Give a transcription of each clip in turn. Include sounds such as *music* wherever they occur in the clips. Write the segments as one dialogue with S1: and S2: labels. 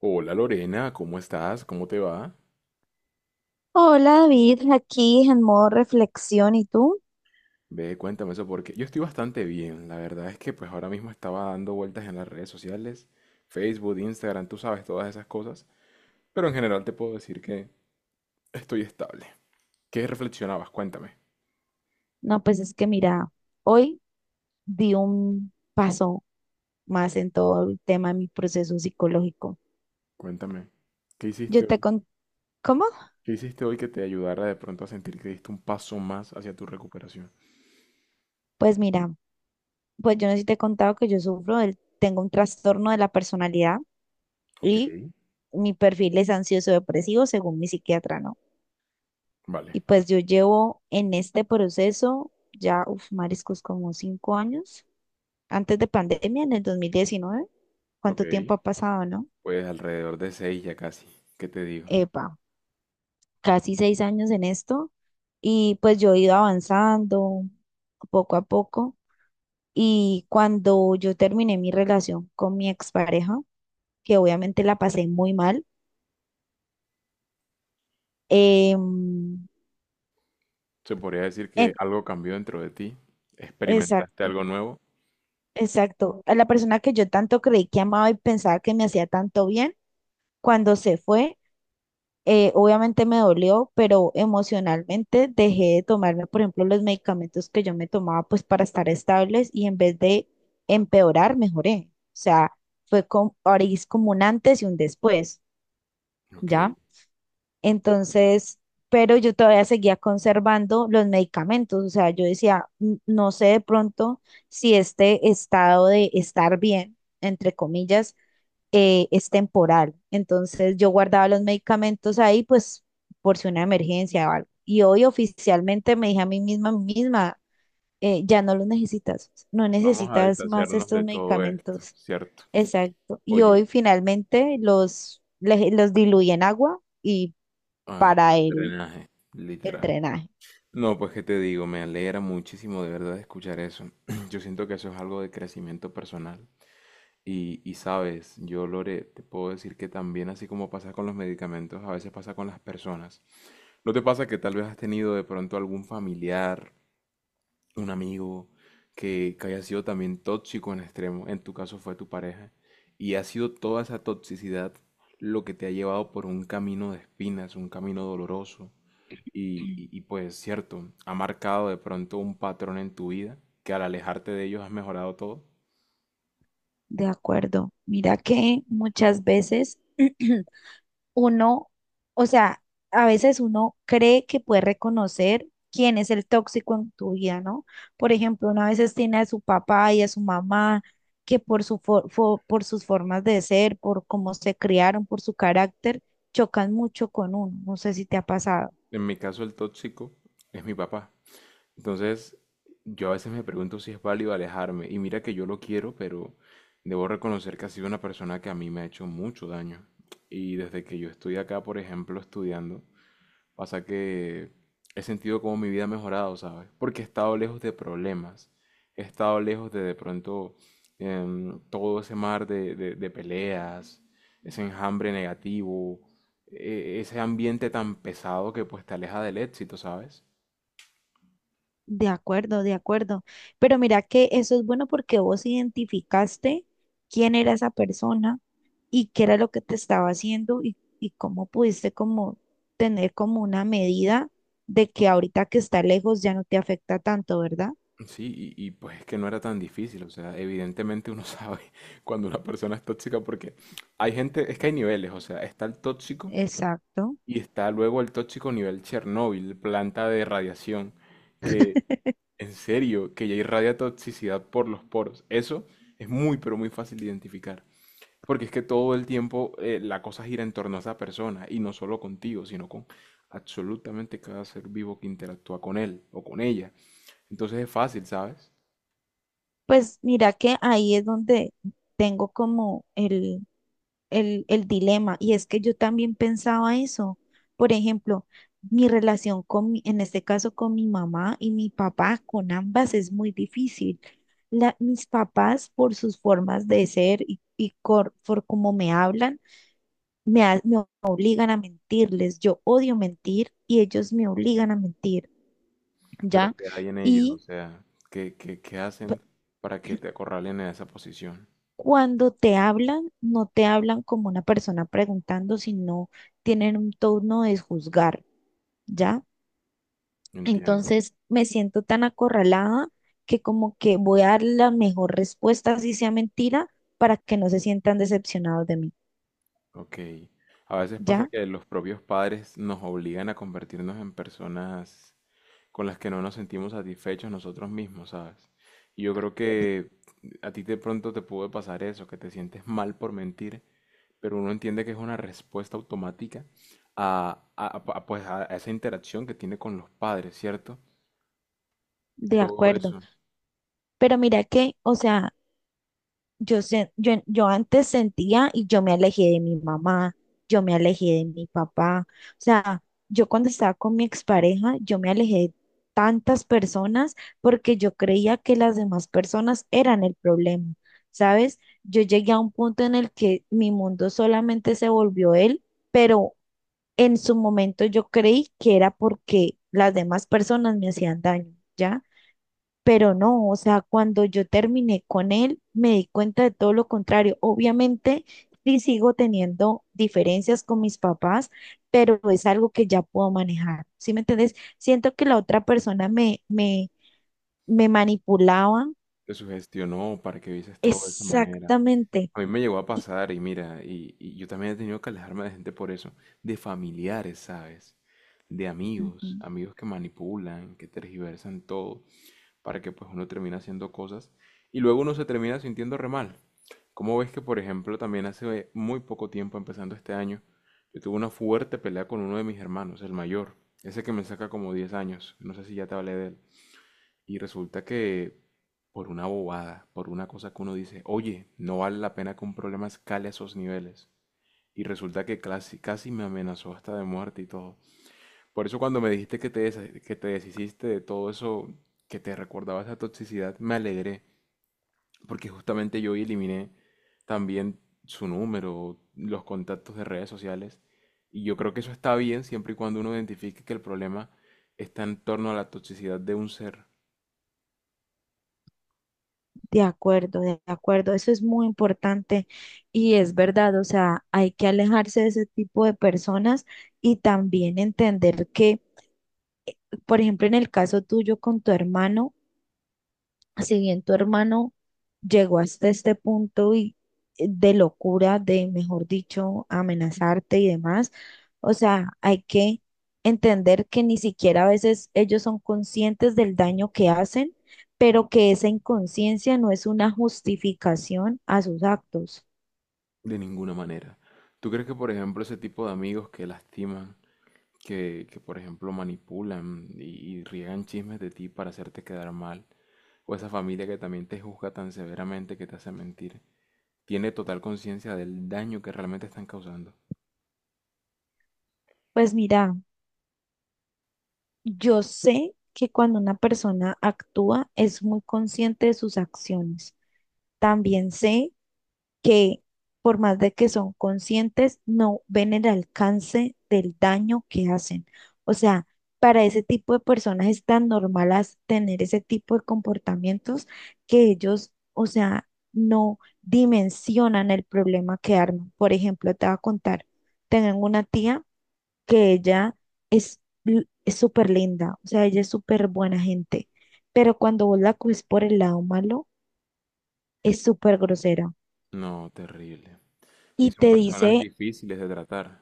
S1: Hola Lorena, ¿cómo estás? ¿Cómo te va?
S2: Hola David, aquí en modo reflexión. ¿Y tú?
S1: Ve, cuéntame eso porque yo estoy bastante bien. La verdad es que pues ahora mismo estaba dando vueltas en las redes sociales, Facebook, Instagram, tú sabes todas esas cosas, pero en general te puedo decir que estoy estable. ¿Qué reflexionabas? Cuéntame,
S2: No, pues es que mira, hoy di un paso más en todo el tema de mi proceso psicológico.
S1: cuéntame. ¿Qué hiciste
S2: Yo te
S1: hoy?
S2: con ¿Cómo?
S1: ¿Qué hiciste hoy que te ayudara de pronto a sentir que diste un paso más hacia tu recuperación?
S2: Pues mira, pues yo no sé si te he contado que yo sufro tengo un trastorno de la personalidad
S1: Ok,
S2: y mi perfil es ansioso depresivo según mi psiquiatra, ¿no?
S1: vale,
S2: Y pues yo llevo en este proceso ya, uf, mariscos, como 5 años, antes de pandemia, en el 2019.
S1: ok.
S2: ¿Cuánto tiempo ha pasado, no?
S1: Pues alrededor de seis ya casi. ¿Qué te digo?
S2: Epa. Casi 6 años en esto y pues yo he ido avanzando poco a poco y cuando yo terminé mi relación con mi expareja, que obviamente la pasé muy mal. em,
S1: Se podría decir que
S2: en-
S1: algo cambió dentro de ti, experimentaste
S2: exacto,
S1: algo nuevo.
S2: exacto, a la persona que yo tanto creí que amaba y pensaba que me hacía tanto bien, cuando se fue, obviamente me dolió, pero emocionalmente dejé de tomarme, por ejemplo, los medicamentos que yo me tomaba pues para estar estables y en vez de empeorar, mejoré. O sea, fue como, ahora sí es como un antes y un después,
S1: Ok,
S2: ¿ya? Entonces, pero yo todavía seguía conservando los medicamentos, o sea, yo decía: "N- no sé de pronto si este estado de estar bien, entre comillas, es temporal". Entonces yo guardaba los medicamentos ahí, pues por si una emergencia o algo. Y hoy oficialmente me dije a mí misma, ya no los necesitas, no
S1: vamos a
S2: necesitas más
S1: deshacernos de
S2: estos
S1: todo esto,
S2: medicamentos.
S1: ¿cierto?
S2: Exacto. Y
S1: Oye,
S2: hoy finalmente los diluí en agua y
S1: ah,
S2: para
S1: al
S2: el,
S1: drenaje,
S2: el
S1: literal.
S2: drenaje.
S1: No, pues qué te digo, me alegra muchísimo de verdad escuchar eso. *clears throat* Yo siento que eso es algo de crecimiento personal. Y sabes, yo Lore, te puedo decir que también así como pasa con los medicamentos, a veces pasa con las personas. ¿No te pasa que tal vez has tenido de pronto algún familiar, un amigo que haya sido también tóxico en extremo? En tu caso fue tu pareja, y ha sido toda esa toxicidad lo que te ha llevado por un camino de espinas, un camino doloroso, y pues cierto, ha marcado de pronto un patrón en tu vida que al alejarte de ellos has mejorado todo.
S2: De acuerdo. Mira que muchas veces *clears throat* uno, o sea, a veces uno cree que puede reconocer quién es el tóxico en tu vida, ¿no? Por ejemplo, uno a veces tiene a su papá y a su mamá que por su por sus formas de ser, por cómo se criaron, por su carácter, chocan mucho con uno. No sé si te ha pasado.
S1: En mi caso el tóxico es mi papá. Entonces, yo a veces me pregunto si es válido alejarme. Y mira que yo lo quiero, pero debo reconocer que ha sido una persona que a mí me ha hecho mucho daño. Y desde que yo estoy acá, por ejemplo, estudiando, pasa que he sentido como mi vida ha mejorado, ¿sabes? Porque he estado lejos de problemas. He estado lejos de todo ese mar de peleas, ese enjambre negativo, ese ambiente tan pesado que pues te aleja del éxito, ¿sabes?
S2: De acuerdo, de acuerdo. Pero mira que eso es bueno porque vos identificaste quién era esa persona y qué era lo que te estaba haciendo y cómo pudiste como tener como una medida de que ahorita que está lejos ya no te afecta tanto, ¿verdad?
S1: Sí, y pues es que no era tan difícil, o sea, evidentemente uno sabe *laughs* cuando una persona es tóxica porque hay gente, es que hay niveles, o sea, está el tóxico
S2: Exacto.
S1: y está luego el tóxico nivel Chernóbil, planta de radiación, que en serio, que ya irradia toxicidad por los poros. Eso es muy, pero muy fácil de identificar, porque es que todo el tiempo la cosa gira en torno a esa persona y no solo contigo, sino con absolutamente cada ser vivo que interactúa con él o con ella. Entonces es fácil, ¿sabes?
S2: Pues mira que ahí es donde tengo como el dilema y es que yo también pensaba eso. Por ejemplo, mi relación en este caso con mi mamá y mi papá, con ambas es muy difícil. Mis papás por sus formas de ser por cómo me hablan me obligan a mentirles. Yo odio mentir y ellos me obligan a mentir,
S1: Pero
S2: ¿ya?
S1: ¿qué hay en ellos? O
S2: Y
S1: sea, ¿qué
S2: p-
S1: hacen para que
S2: *clears throat*
S1: te acorralen en esa posición?
S2: cuando te hablan, no te hablan como una persona preguntando, sino tienen un tono de juzgar, ¿ya?
S1: Entiendo.
S2: Entonces me siento tan acorralada que como que voy a dar la mejor respuesta, si sea mentira, para que no se sientan decepcionados de mí,
S1: Ok. A veces pasa
S2: ¿ya?
S1: que los propios padres nos obligan a convertirnos en personas con las que no nos sentimos satisfechos nosotros mismos, ¿sabes? Y yo creo
S2: De,
S1: que a ti de pronto te puede pasar eso, que te sientes mal por mentir, pero uno entiende que es una respuesta automática a, a- pues, a esa interacción que tiene con los padres, ¿cierto?
S2: de
S1: Todo
S2: acuerdo.
S1: eso.
S2: Pero mira que, o sea... Yo, yo, yo antes sentía y yo me alejé de mi mamá, yo me alejé de mi papá. O sea, yo cuando estaba con mi expareja, yo me alejé de tantas personas porque yo creía que las demás personas eran el problema, ¿sabes? Yo llegué a un punto en el que mi mundo solamente se volvió él, pero en su momento yo creí que era porque las demás personas me hacían daño, ¿ya? Pero no, o sea, cuando yo terminé con él, me di cuenta de todo lo contrario. Obviamente, sí sigo teniendo diferencias con mis papás, pero es algo que ya puedo manejar. ¿Sí me entiendes? Siento que la otra persona me manipulaba
S1: Te sugestionó para que vieses todo de esa manera.
S2: exactamente.
S1: A mí me llegó a
S2: Y-
S1: pasar y mira, y yo también he tenido que alejarme de gente por eso, de familiares, ¿sabes? De
S2: Ujú.
S1: amigos, amigos que manipulan, que tergiversan todo, para que pues uno termine haciendo cosas y luego uno se termina sintiendo re mal. ¿Cómo ves que, por ejemplo, también hace muy poco tiempo, empezando este año, yo tuve una fuerte pelea con uno de mis hermanos, el mayor, ese que me saca como 10 años, no sé si ya te hablé de él? Y resulta que por una bobada, por una cosa que uno dice, oye, no vale la pena que un problema escale a esos niveles. Y resulta que casi, casi me amenazó hasta de muerte y todo. Por eso cuando me dijiste que te, que te deshiciste de todo eso, que te recordaba esa toxicidad, me alegré. Porque justamente yo eliminé también su número, los contactos de redes sociales. Y yo creo que eso está bien siempre y cuando uno identifique que el problema está en torno a la toxicidad de un ser.
S2: De acuerdo, de acuerdo. Eso es muy importante y es verdad. O sea, hay que alejarse de ese tipo de personas y también entender que, por ejemplo, en el caso tuyo con tu hermano, si bien tu hermano llegó hasta este punto y de locura, de, mejor dicho, amenazarte y demás, o sea, hay que entender que ni siquiera a veces ellos son conscientes del daño que hacen, pero que esa inconsciencia no es una justificación a sus actos.
S1: De ninguna manera. ¿Tú crees que, por ejemplo, ese tipo de amigos que lastiman, por ejemplo, manipulan y riegan chismes de ti para hacerte quedar mal, o esa familia que también te juzga tan severamente que te hace mentir, tiene total conciencia del daño que realmente están causando?
S2: Pues mira, yo sé que cuando una persona actúa es muy consciente de sus acciones. También sé que por más de que son conscientes, no ven el alcance del daño que hacen. O sea, para ese tipo de personas es tan normal tener ese tipo de comportamientos que ellos, o sea, no dimensionan el problema que arman. Por ejemplo, te voy a contar, tengo una tía que ella es es súper linda, o sea, ella es súper buena gente, pero cuando vos la coges por el lado malo, es súper grosera
S1: No, terrible. Y
S2: y
S1: son
S2: te
S1: personas
S2: dice.
S1: difíciles de tratar.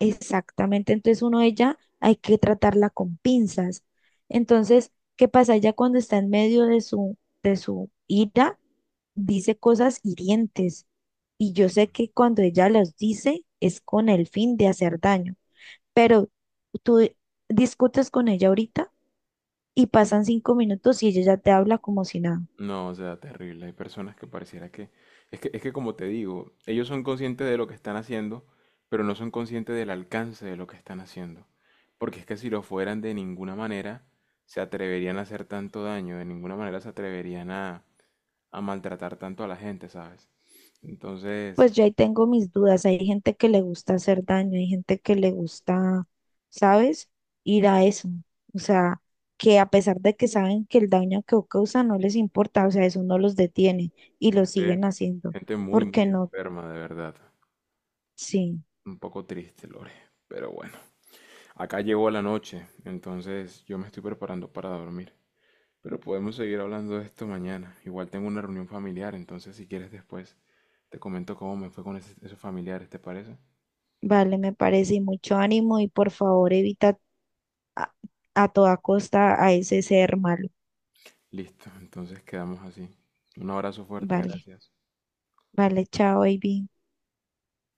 S2: Exactamente, entonces uno ella hay que tratarla con pinzas. Entonces, ¿qué pasa? Ella cuando está en medio de su ira, dice cosas hirientes. Y yo
S1: Mm.
S2: sé que cuando ella las dice es con el fin de hacer daño. Pero tú discutes con ella ahorita y pasan 5 minutos y ella ya te habla como si nada.
S1: No, o sea, terrible. Hay personas que pareciera que... Es que como te digo, ellos son conscientes de lo que están haciendo, pero no son conscientes del alcance de lo que están haciendo. Porque es que si lo fueran, de ninguna manera se atreverían a hacer tanto daño, de ninguna manera se atreverían a maltratar tanto a la gente, ¿sabes? Entonces,
S2: Pues yo ahí tengo mis dudas. Hay gente que le gusta hacer daño, hay gente que le gusta, ¿sabes? Ir a eso. O sea, que a pesar de que saben que el daño que causa no les importa, o sea, eso no los detiene y lo
S1: gente,
S2: siguen haciendo.
S1: gente muy, muy
S2: ¿Porque no?
S1: enferma, de verdad.
S2: Sí,
S1: Un poco triste, Lore. Pero bueno, acá llegó la noche, entonces yo me estoy preparando para dormir. Pero podemos seguir hablando de esto mañana. Igual tengo una reunión familiar, entonces si quieres después te comento cómo me fue con esos familiares, ¿te parece?
S2: vale, me parece. Y mucho ánimo y por favor evita a, a toda costa a ese ser malo.
S1: Listo, entonces quedamos así. Un abrazo fuerte,
S2: Vale,
S1: gracias.
S2: vale, chao, baby.